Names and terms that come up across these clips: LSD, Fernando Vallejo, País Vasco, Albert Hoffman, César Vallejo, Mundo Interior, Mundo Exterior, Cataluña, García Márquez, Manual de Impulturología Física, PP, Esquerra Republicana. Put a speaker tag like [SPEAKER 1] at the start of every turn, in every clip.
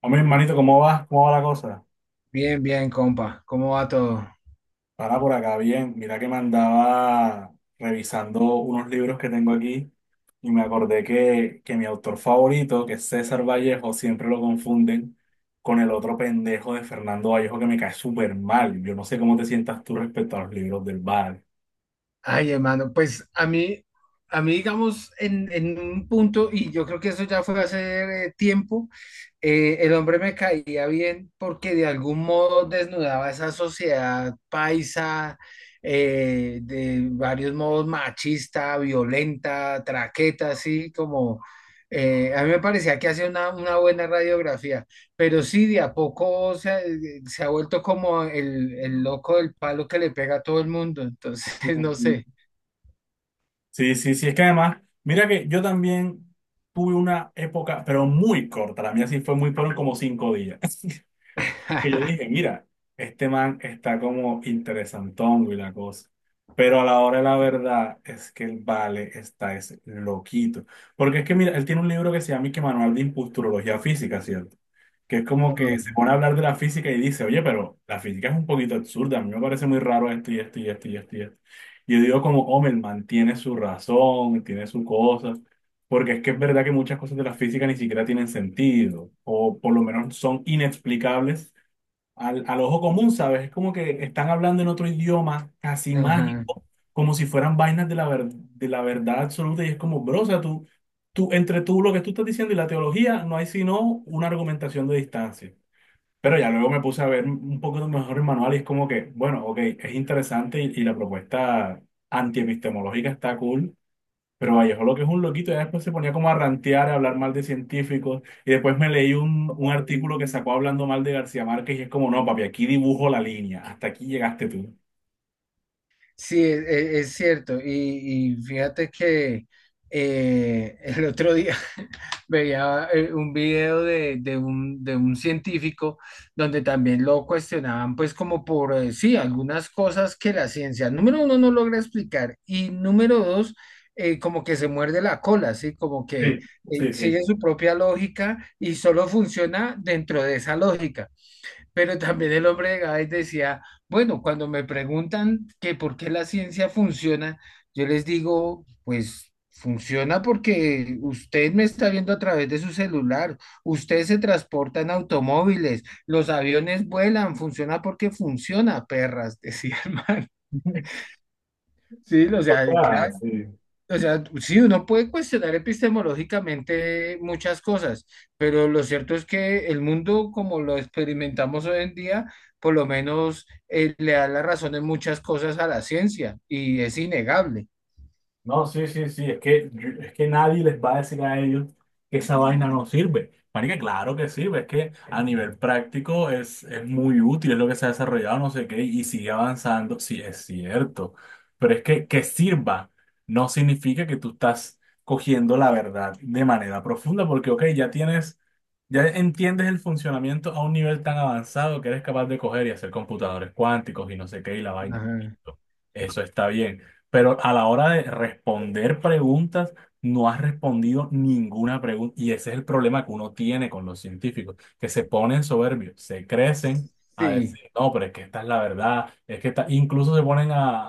[SPEAKER 1] Hombre, hermanito, ¿cómo vas? ¿Cómo va la cosa?
[SPEAKER 2] Bien, bien, compa. ¿Cómo va todo?
[SPEAKER 1] Para por acá, bien. Mira que me andaba revisando unos libros que tengo aquí y me acordé que mi autor favorito, que es César Vallejo, siempre lo confunden con el otro pendejo de Fernando Vallejo que me cae súper mal. Yo no sé cómo te sientas tú respecto a los libros del Val.
[SPEAKER 2] Ay, hermano, pues a mí, digamos, en un punto, y yo creo que eso ya fue hace tiempo, el hombre me caía bien porque de algún modo desnudaba esa sociedad paisa, de varios modos machista, violenta, traqueta, así como, a mí me parecía que hacía una buena radiografía. Pero sí, de a poco se ha vuelto como el loco del palo que le pega a todo el mundo. Entonces,
[SPEAKER 1] Ujú.
[SPEAKER 2] no sé.
[SPEAKER 1] Sí, sí, sí, es que además, mira que yo también tuve una época, pero muy corta, la mía sí fue muy, fueron como 5 días. Que yo dije, mira, este man está como interesantón y la cosa. Pero a la hora de la verdad es que el Vale está es loquito. Porque es que, mira, él tiene un libro que se llama y que Manual de Impulturología Física, ¿cierto? Que es como
[SPEAKER 2] Ah.
[SPEAKER 1] que se pone a hablar de la física y dice, oye, pero la física es un poquito absurda, a mí me parece muy raro esto y esto y esto y esto y esto. Y yo digo como, hombre, el man tiene su razón, tiene su cosa. Porque es que es verdad que muchas cosas de la física ni siquiera tienen sentido, o por lo menos son inexplicables al ojo común, ¿sabes? Es como que están hablando en otro idioma casi
[SPEAKER 2] Ajá.
[SPEAKER 1] mágico, como si fueran vainas de de la verdad absoluta y es como, bro, o sea, tú, entre tú, lo que tú estás diciendo y la teología, no hay sino una argumentación de distancia. Pero ya luego me puse a ver un poco mejor el manual y es como que, bueno, ok, es interesante y la propuesta antiepistemológica está cool, pero Vallejo lo que es un loquito, ya después se ponía como a rantear, a hablar mal de científicos, y después me leí un artículo que sacó hablando mal de García Márquez, y es como, no, papi, aquí dibujo la línea, hasta aquí llegaste tú.
[SPEAKER 2] Sí, es cierto. Y fíjate que el otro día veía un video de de un científico donde también lo cuestionaban, pues como por, sí, algunas cosas que la ciencia, número uno, no logra explicar y número dos, como que se muerde la cola, ¿sí? Como que
[SPEAKER 1] Sí, sí, sí.
[SPEAKER 2] sigue su propia lógica y solo funciona dentro de esa lógica. Pero también el hombre de Gades decía, bueno, cuando me preguntan que por qué la ciencia funciona, yo les digo, pues funciona porque usted me está viendo a través de su celular, usted se transporta en automóviles, los aviones vuelan, funciona porque funciona, perras, decía el man. Sí, o
[SPEAKER 1] O
[SPEAKER 2] sea,
[SPEAKER 1] sea,
[SPEAKER 2] claro,
[SPEAKER 1] sí.
[SPEAKER 2] o sea, sí, uno puede cuestionar epistemológicamente muchas cosas, pero lo cierto es que el mundo como lo experimentamos hoy en día, por lo menos le da la razón en muchas cosas a la ciencia y es innegable.
[SPEAKER 1] No, sí, sí, sí, es que nadie les va a decir a ellos que esa vaina no sirve. Marica, claro que sirve, es que a nivel práctico es muy útil, es lo que se ha desarrollado, no sé qué, y sigue avanzando, sí, es cierto. Pero es que sirva no significa que tú estás cogiendo la verdad de manera profunda, porque, ok, ya entiendes el funcionamiento a un nivel tan avanzado que eres capaz de coger y hacer computadores cuánticos y no sé qué y la vaina.
[SPEAKER 2] Ajá.
[SPEAKER 1] Eso está bien. Pero a la hora de responder preguntas, no has respondido ninguna pregunta. Y ese es el problema que uno tiene con los científicos, que se ponen soberbios, se crecen a
[SPEAKER 2] Sí.
[SPEAKER 1] decir, no, pero es que esta es la verdad. Es que esta-". Incluso se ponen a,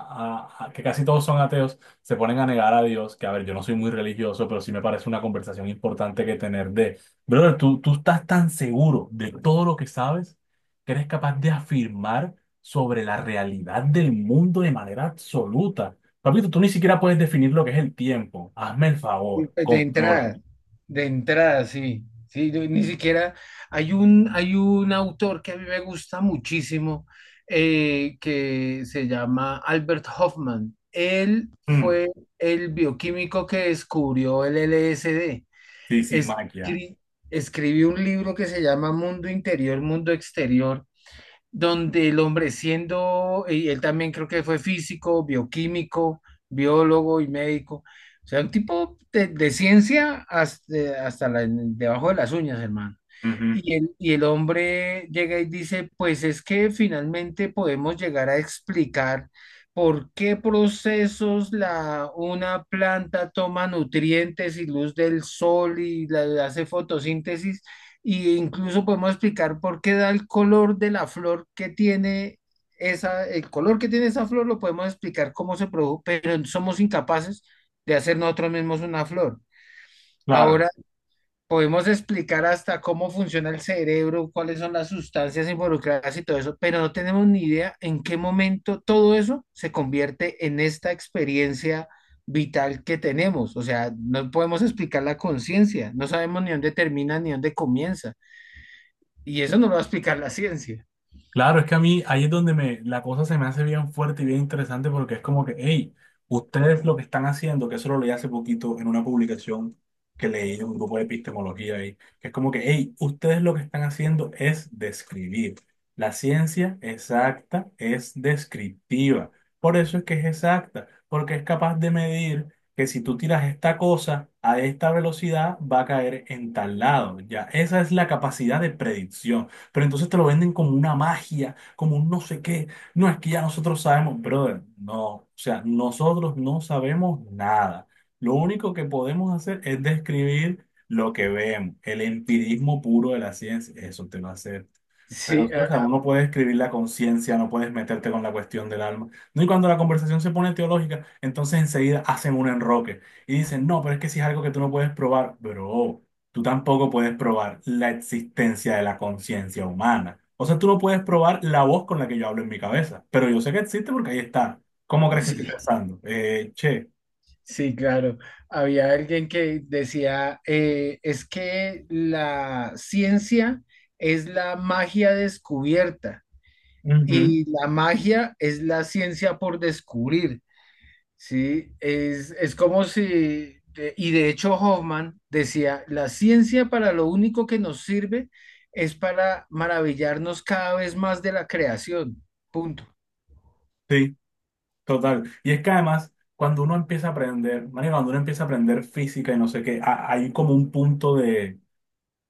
[SPEAKER 1] a- a- que casi todos son ateos, se ponen a negar a Dios, que a ver, yo no soy muy religioso, pero sí me parece una conversación importante que tener de. Brother, tú estás tan seguro de todo lo que sabes que eres capaz de afirmar sobre la realidad del mundo de manera absoluta. Papito, tú ni siquiera puedes definir lo que es el tiempo. Hazme el favor,
[SPEAKER 2] De
[SPEAKER 1] contrólate.
[SPEAKER 2] entrada, de entrada, sí. Sí, yo ni siquiera hay hay un autor que a mí me gusta muchísimo que se llama Albert Hoffman. Él
[SPEAKER 1] Mm,
[SPEAKER 2] fue el bioquímico que descubrió el LSD.
[SPEAKER 1] sí, sí, maquia.
[SPEAKER 2] Escri- escribió un libro que se llama Mundo Interior, Mundo Exterior donde el hombre siendo, y él también creo que fue físico, bioquímico, biólogo y médico, o sea, un tipo de ciencia hasta, debajo de las uñas, hermano.
[SPEAKER 1] Ujú.
[SPEAKER 2] Y el hombre llega y dice, pues es que finalmente podemos llegar a explicar por qué procesos una planta toma nutrientes y luz del sol y hace fotosíntesis y incluso podemos explicar por qué da el color de la flor que tiene esa, el color que tiene esa flor lo podemos explicar cómo se produjo, pero somos incapaces de hacer nosotros mismos una flor.
[SPEAKER 1] Claro.
[SPEAKER 2] Ahora podemos explicar hasta cómo funciona el cerebro, cuáles son las sustancias involucradas y todo eso, pero no tenemos ni idea en qué momento todo eso se convierte en esta experiencia vital que tenemos. O sea, no podemos explicar la conciencia, no sabemos ni dónde termina ni dónde comienza. Y eso no lo va a explicar la ciencia.
[SPEAKER 1] Claro, es que a mí ahí es donde me, la cosa se me hace bien fuerte y bien interesante porque es como que, hey, ustedes lo que están haciendo, que eso lo leí hace poquito en una publicación que leí de un grupo de epistemología ahí, que es como que, hey, ustedes lo que están haciendo es describir. La ciencia exacta es descriptiva. Por eso es que es exacta, porque es capaz de medir que si tú tiras esta cosa a esta velocidad, va a caer en tal lado. Ya, esa es la capacidad de predicción, pero entonces te lo venden como una magia, como un no sé qué. No, es que ya nosotros sabemos, brother, no, o sea, nosotros no sabemos nada. Lo único que podemos hacer es describir lo que vemos, el empirismo puro de la ciencia, eso te lo hace, pero
[SPEAKER 2] Sí,
[SPEAKER 1] sí, o sea, uno puede escribir la conciencia, no puedes meterte con la cuestión del alma. No, y cuando la conversación se pone teológica, entonces enseguida hacen un enroque y dicen, no, pero es que si es algo que tú no puedes probar, bro, tú tampoco puedes probar la existencia de la conciencia humana. O sea, tú no puedes probar la voz con la que yo hablo en mi cabeza, pero yo sé que existe porque ahí está. ¿Cómo crees que estoy
[SPEAKER 2] sí,
[SPEAKER 1] pensando? Che,
[SPEAKER 2] sí, claro. Había alguien que decía, es que la ciencia es la magia descubierta
[SPEAKER 1] ujú,
[SPEAKER 2] y la magia es la ciencia por descubrir. Sí, es como si, y de hecho Hoffman decía, la ciencia para lo único que nos sirve es para maravillarnos cada vez más de la creación. Punto.
[SPEAKER 1] sí, total. Y es que además cuando uno empieza a aprender, María, cuando uno empieza a aprender física y no sé qué, hay como un punto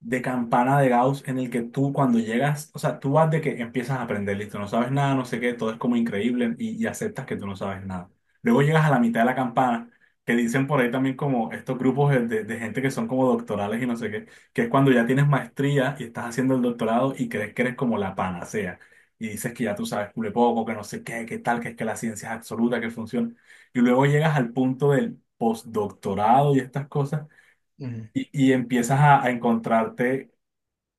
[SPEAKER 1] de campana de Gauss en el que tú cuando llegas, o sea, tú vas de que empiezas a aprender, listo, no sabes nada, no sé qué, todo es como increíble y aceptas que tú no sabes nada. Luego llegas a la mitad de la campana, que dicen por ahí también como estos grupos de, de gente que son como doctorales y no sé qué, que es cuando ya tienes maestría y estás haciendo el doctorado y crees que eres como la panacea. Y dices que ya tú sabes cule poco, que no sé qué, qué tal, que es que la ciencia es absoluta, que funciona. Y luego llegas al punto del postdoctorado y estas cosas
[SPEAKER 2] Ujú.
[SPEAKER 1] y empiezas a encontrarte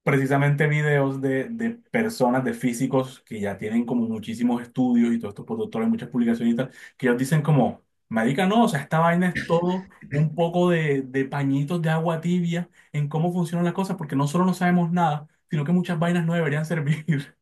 [SPEAKER 1] precisamente videos de personas, de físicos que ya tienen como muchísimos estudios y todos estos productores, muchas publicaciones y tal, que ellos dicen como, marica, no, o sea, esta vaina es todo un poco de pañitos de agua tibia en cómo funcionan las cosas, porque no solo no sabemos nada, sino que muchas vainas no deberían servir.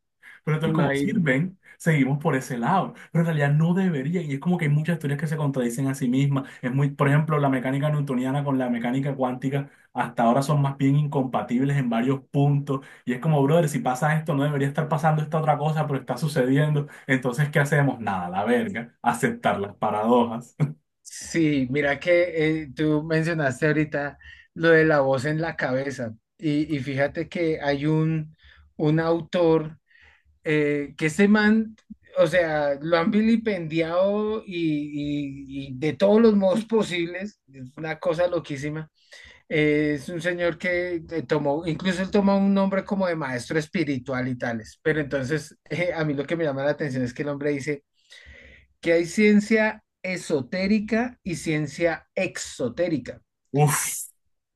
[SPEAKER 1] Pero entonces como
[SPEAKER 2] Imagínate.
[SPEAKER 1] sirven, seguimos por ese lado. Pero en realidad no deberían. Y es como que hay muchas teorías que se contradicen a sí mismas. Es muy, por ejemplo, la mecánica newtoniana con la mecánica cuántica hasta ahora son más bien incompatibles en varios puntos. Y es como, brother, si pasa esto, no debería estar pasando esta otra cosa, pero está sucediendo. Entonces, ¿qué hacemos? Nada, la verga. Aceptar las paradojas.
[SPEAKER 2] Sí, mira que tú mencionaste ahorita lo de la voz en la cabeza y fíjate que hay un autor que ese man, o sea, lo han vilipendiado y de todos los modos posibles, es una cosa loquísima. Es un señor que tomó, incluso él tomó un nombre como de maestro espiritual y tales, pero entonces a mí lo que me llama la atención es que el hombre dice que hay ciencia esotérica y ciencia exotérica,
[SPEAKER 1] Uf,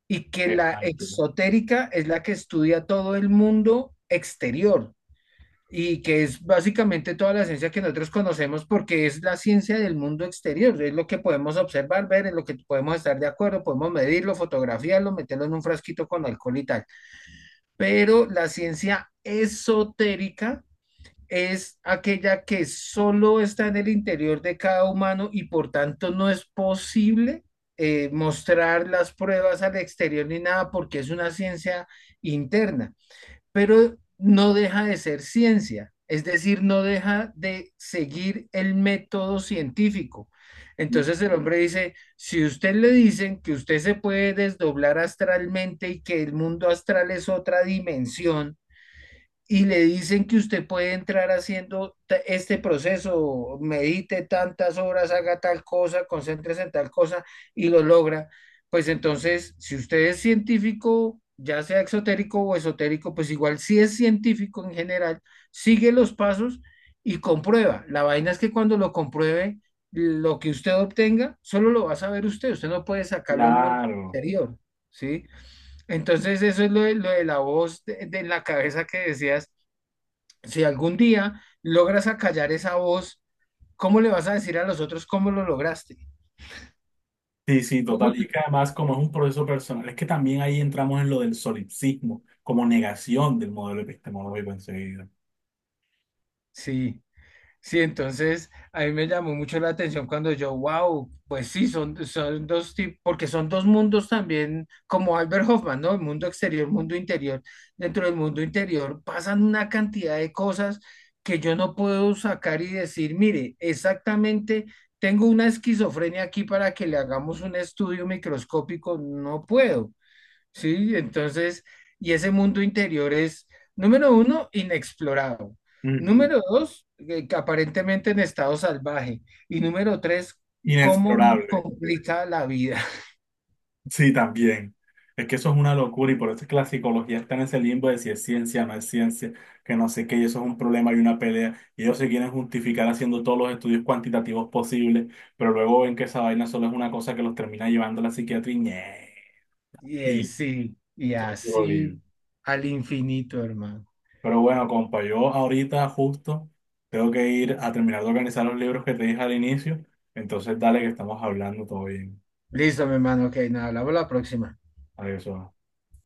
[SPEAKER 2] y que
[SPEAKER 1] qué
[SPEAKER 2] la
[SPEAKER 1] máquina.
[SPEAKER 2] exotérica es la que estudia todo el mundo exterior, y que es básicamente toda la ciencia que nosotros conocemos porque es la ciencia del mundo exterior, es lo que podemos observar, ver, es lo que podemos estar de acuerdo, podemos medirlo, fotografiarlo, meterlo en un frasquito con alcohol y tal. Pero la ciencia esotérica es aquella que solo está en el interior de cada humano y por tanto no es posible mostrar las pruebas al exterior ni nada porque es una ciencia interna, pero no deja de ser ciencia, es decir, no deja de seguir el método científico. Entonces el hombre dice, si usted le dicen que usted se puede desdoblar astralmente y que el mundo astral es otra dimensión, y le dicen que usted puede entrar haciendo este proceso, medite tantas horas, haga tal cosa, concéntrese en tal cosa y lo logra, pues entonces, si usted es científico, ya sea exotérico o esotérico, pues igual si es científico en general, sigue los pasos y comprueba. La vaina es que cuando lo compruebe, lo que usted obtenga, solo lo va a saber usted, usted no puede sacarlo al mundo
[SPEAKER 1] Claro.
[SPEAKER 2] exterior, ¿sí? Entonces, eso es lo de la voz de la cabeza que decías si algún día logras acallar esa voz, ¿cómo le vas a decir a los otros cómo lo lograste?
[SPEAKER 1] Sí, sí,
[SPEAKER 2] ¿Cómo
[SPEAKER 1] total. Y
[SPEAKER 2] te-
[SPEAKER 1] es que además, como es un proceso personal, es que también ahí entramos en lo del solipsismo, como negación del modelo epistemológico enseguida.
[SPEAKER 2] Sí, sí, entonces a mí me llamó mucho la atención cuando yo, wow, pues sí, son dos tipos, porque son dos mundos también, como Albert Hoffman, ¿no? El mundo exterior, mundo interior. Dentro del mundo interior pasan una cantidad de cosas que yo no puedo sacar y decir, mire, exactamente. Tengo una esquizofrenia aquí para que le hagamos un estudio microscópico, no puedo. Sí, entonces, y ese mundo interior es, número uno, inexplorado.
[SPEAKER 1] Ujú.
[SPEAKER 2] Número dos, que aparentemente en estado salvaje. Y número tres, cómo nos
[SPEAKER 1] Inexplorable.
[SPEAKER 2] complica la vida.
[SPEAKER 1] Sí, también. Es que eso es una locura y por eso es que la psicología está en ese limbo de si es ciencia, no es ciencia, que no sé qué, y eso es un problema y una pelea. Y ellos se quieren justificar haciendo todos los estudios cuantitativos posibles, pero luego ven que esa vaina solo es una cosa que los termina llevando a la psiquiatría y ñe,
[SPEAKER 2] Y
[SPEAKER 1] y
[SPEAKER 2] sí, y
[SPEAKER 1] eso es puro lío.
[SPEAKER 2] así al infinito, hermano.
[SPEAKER 1] Pero bueno, compa, yo ahorita justo tengo que ir a terminar de organizar los libros que te dije al inicio, entonces dale que estamos hablando todo bien.
[SPEAKER 2] Listo, mi hermano, ok, nada, hablamos la próxima.
[SPEAKER 1] Adiós.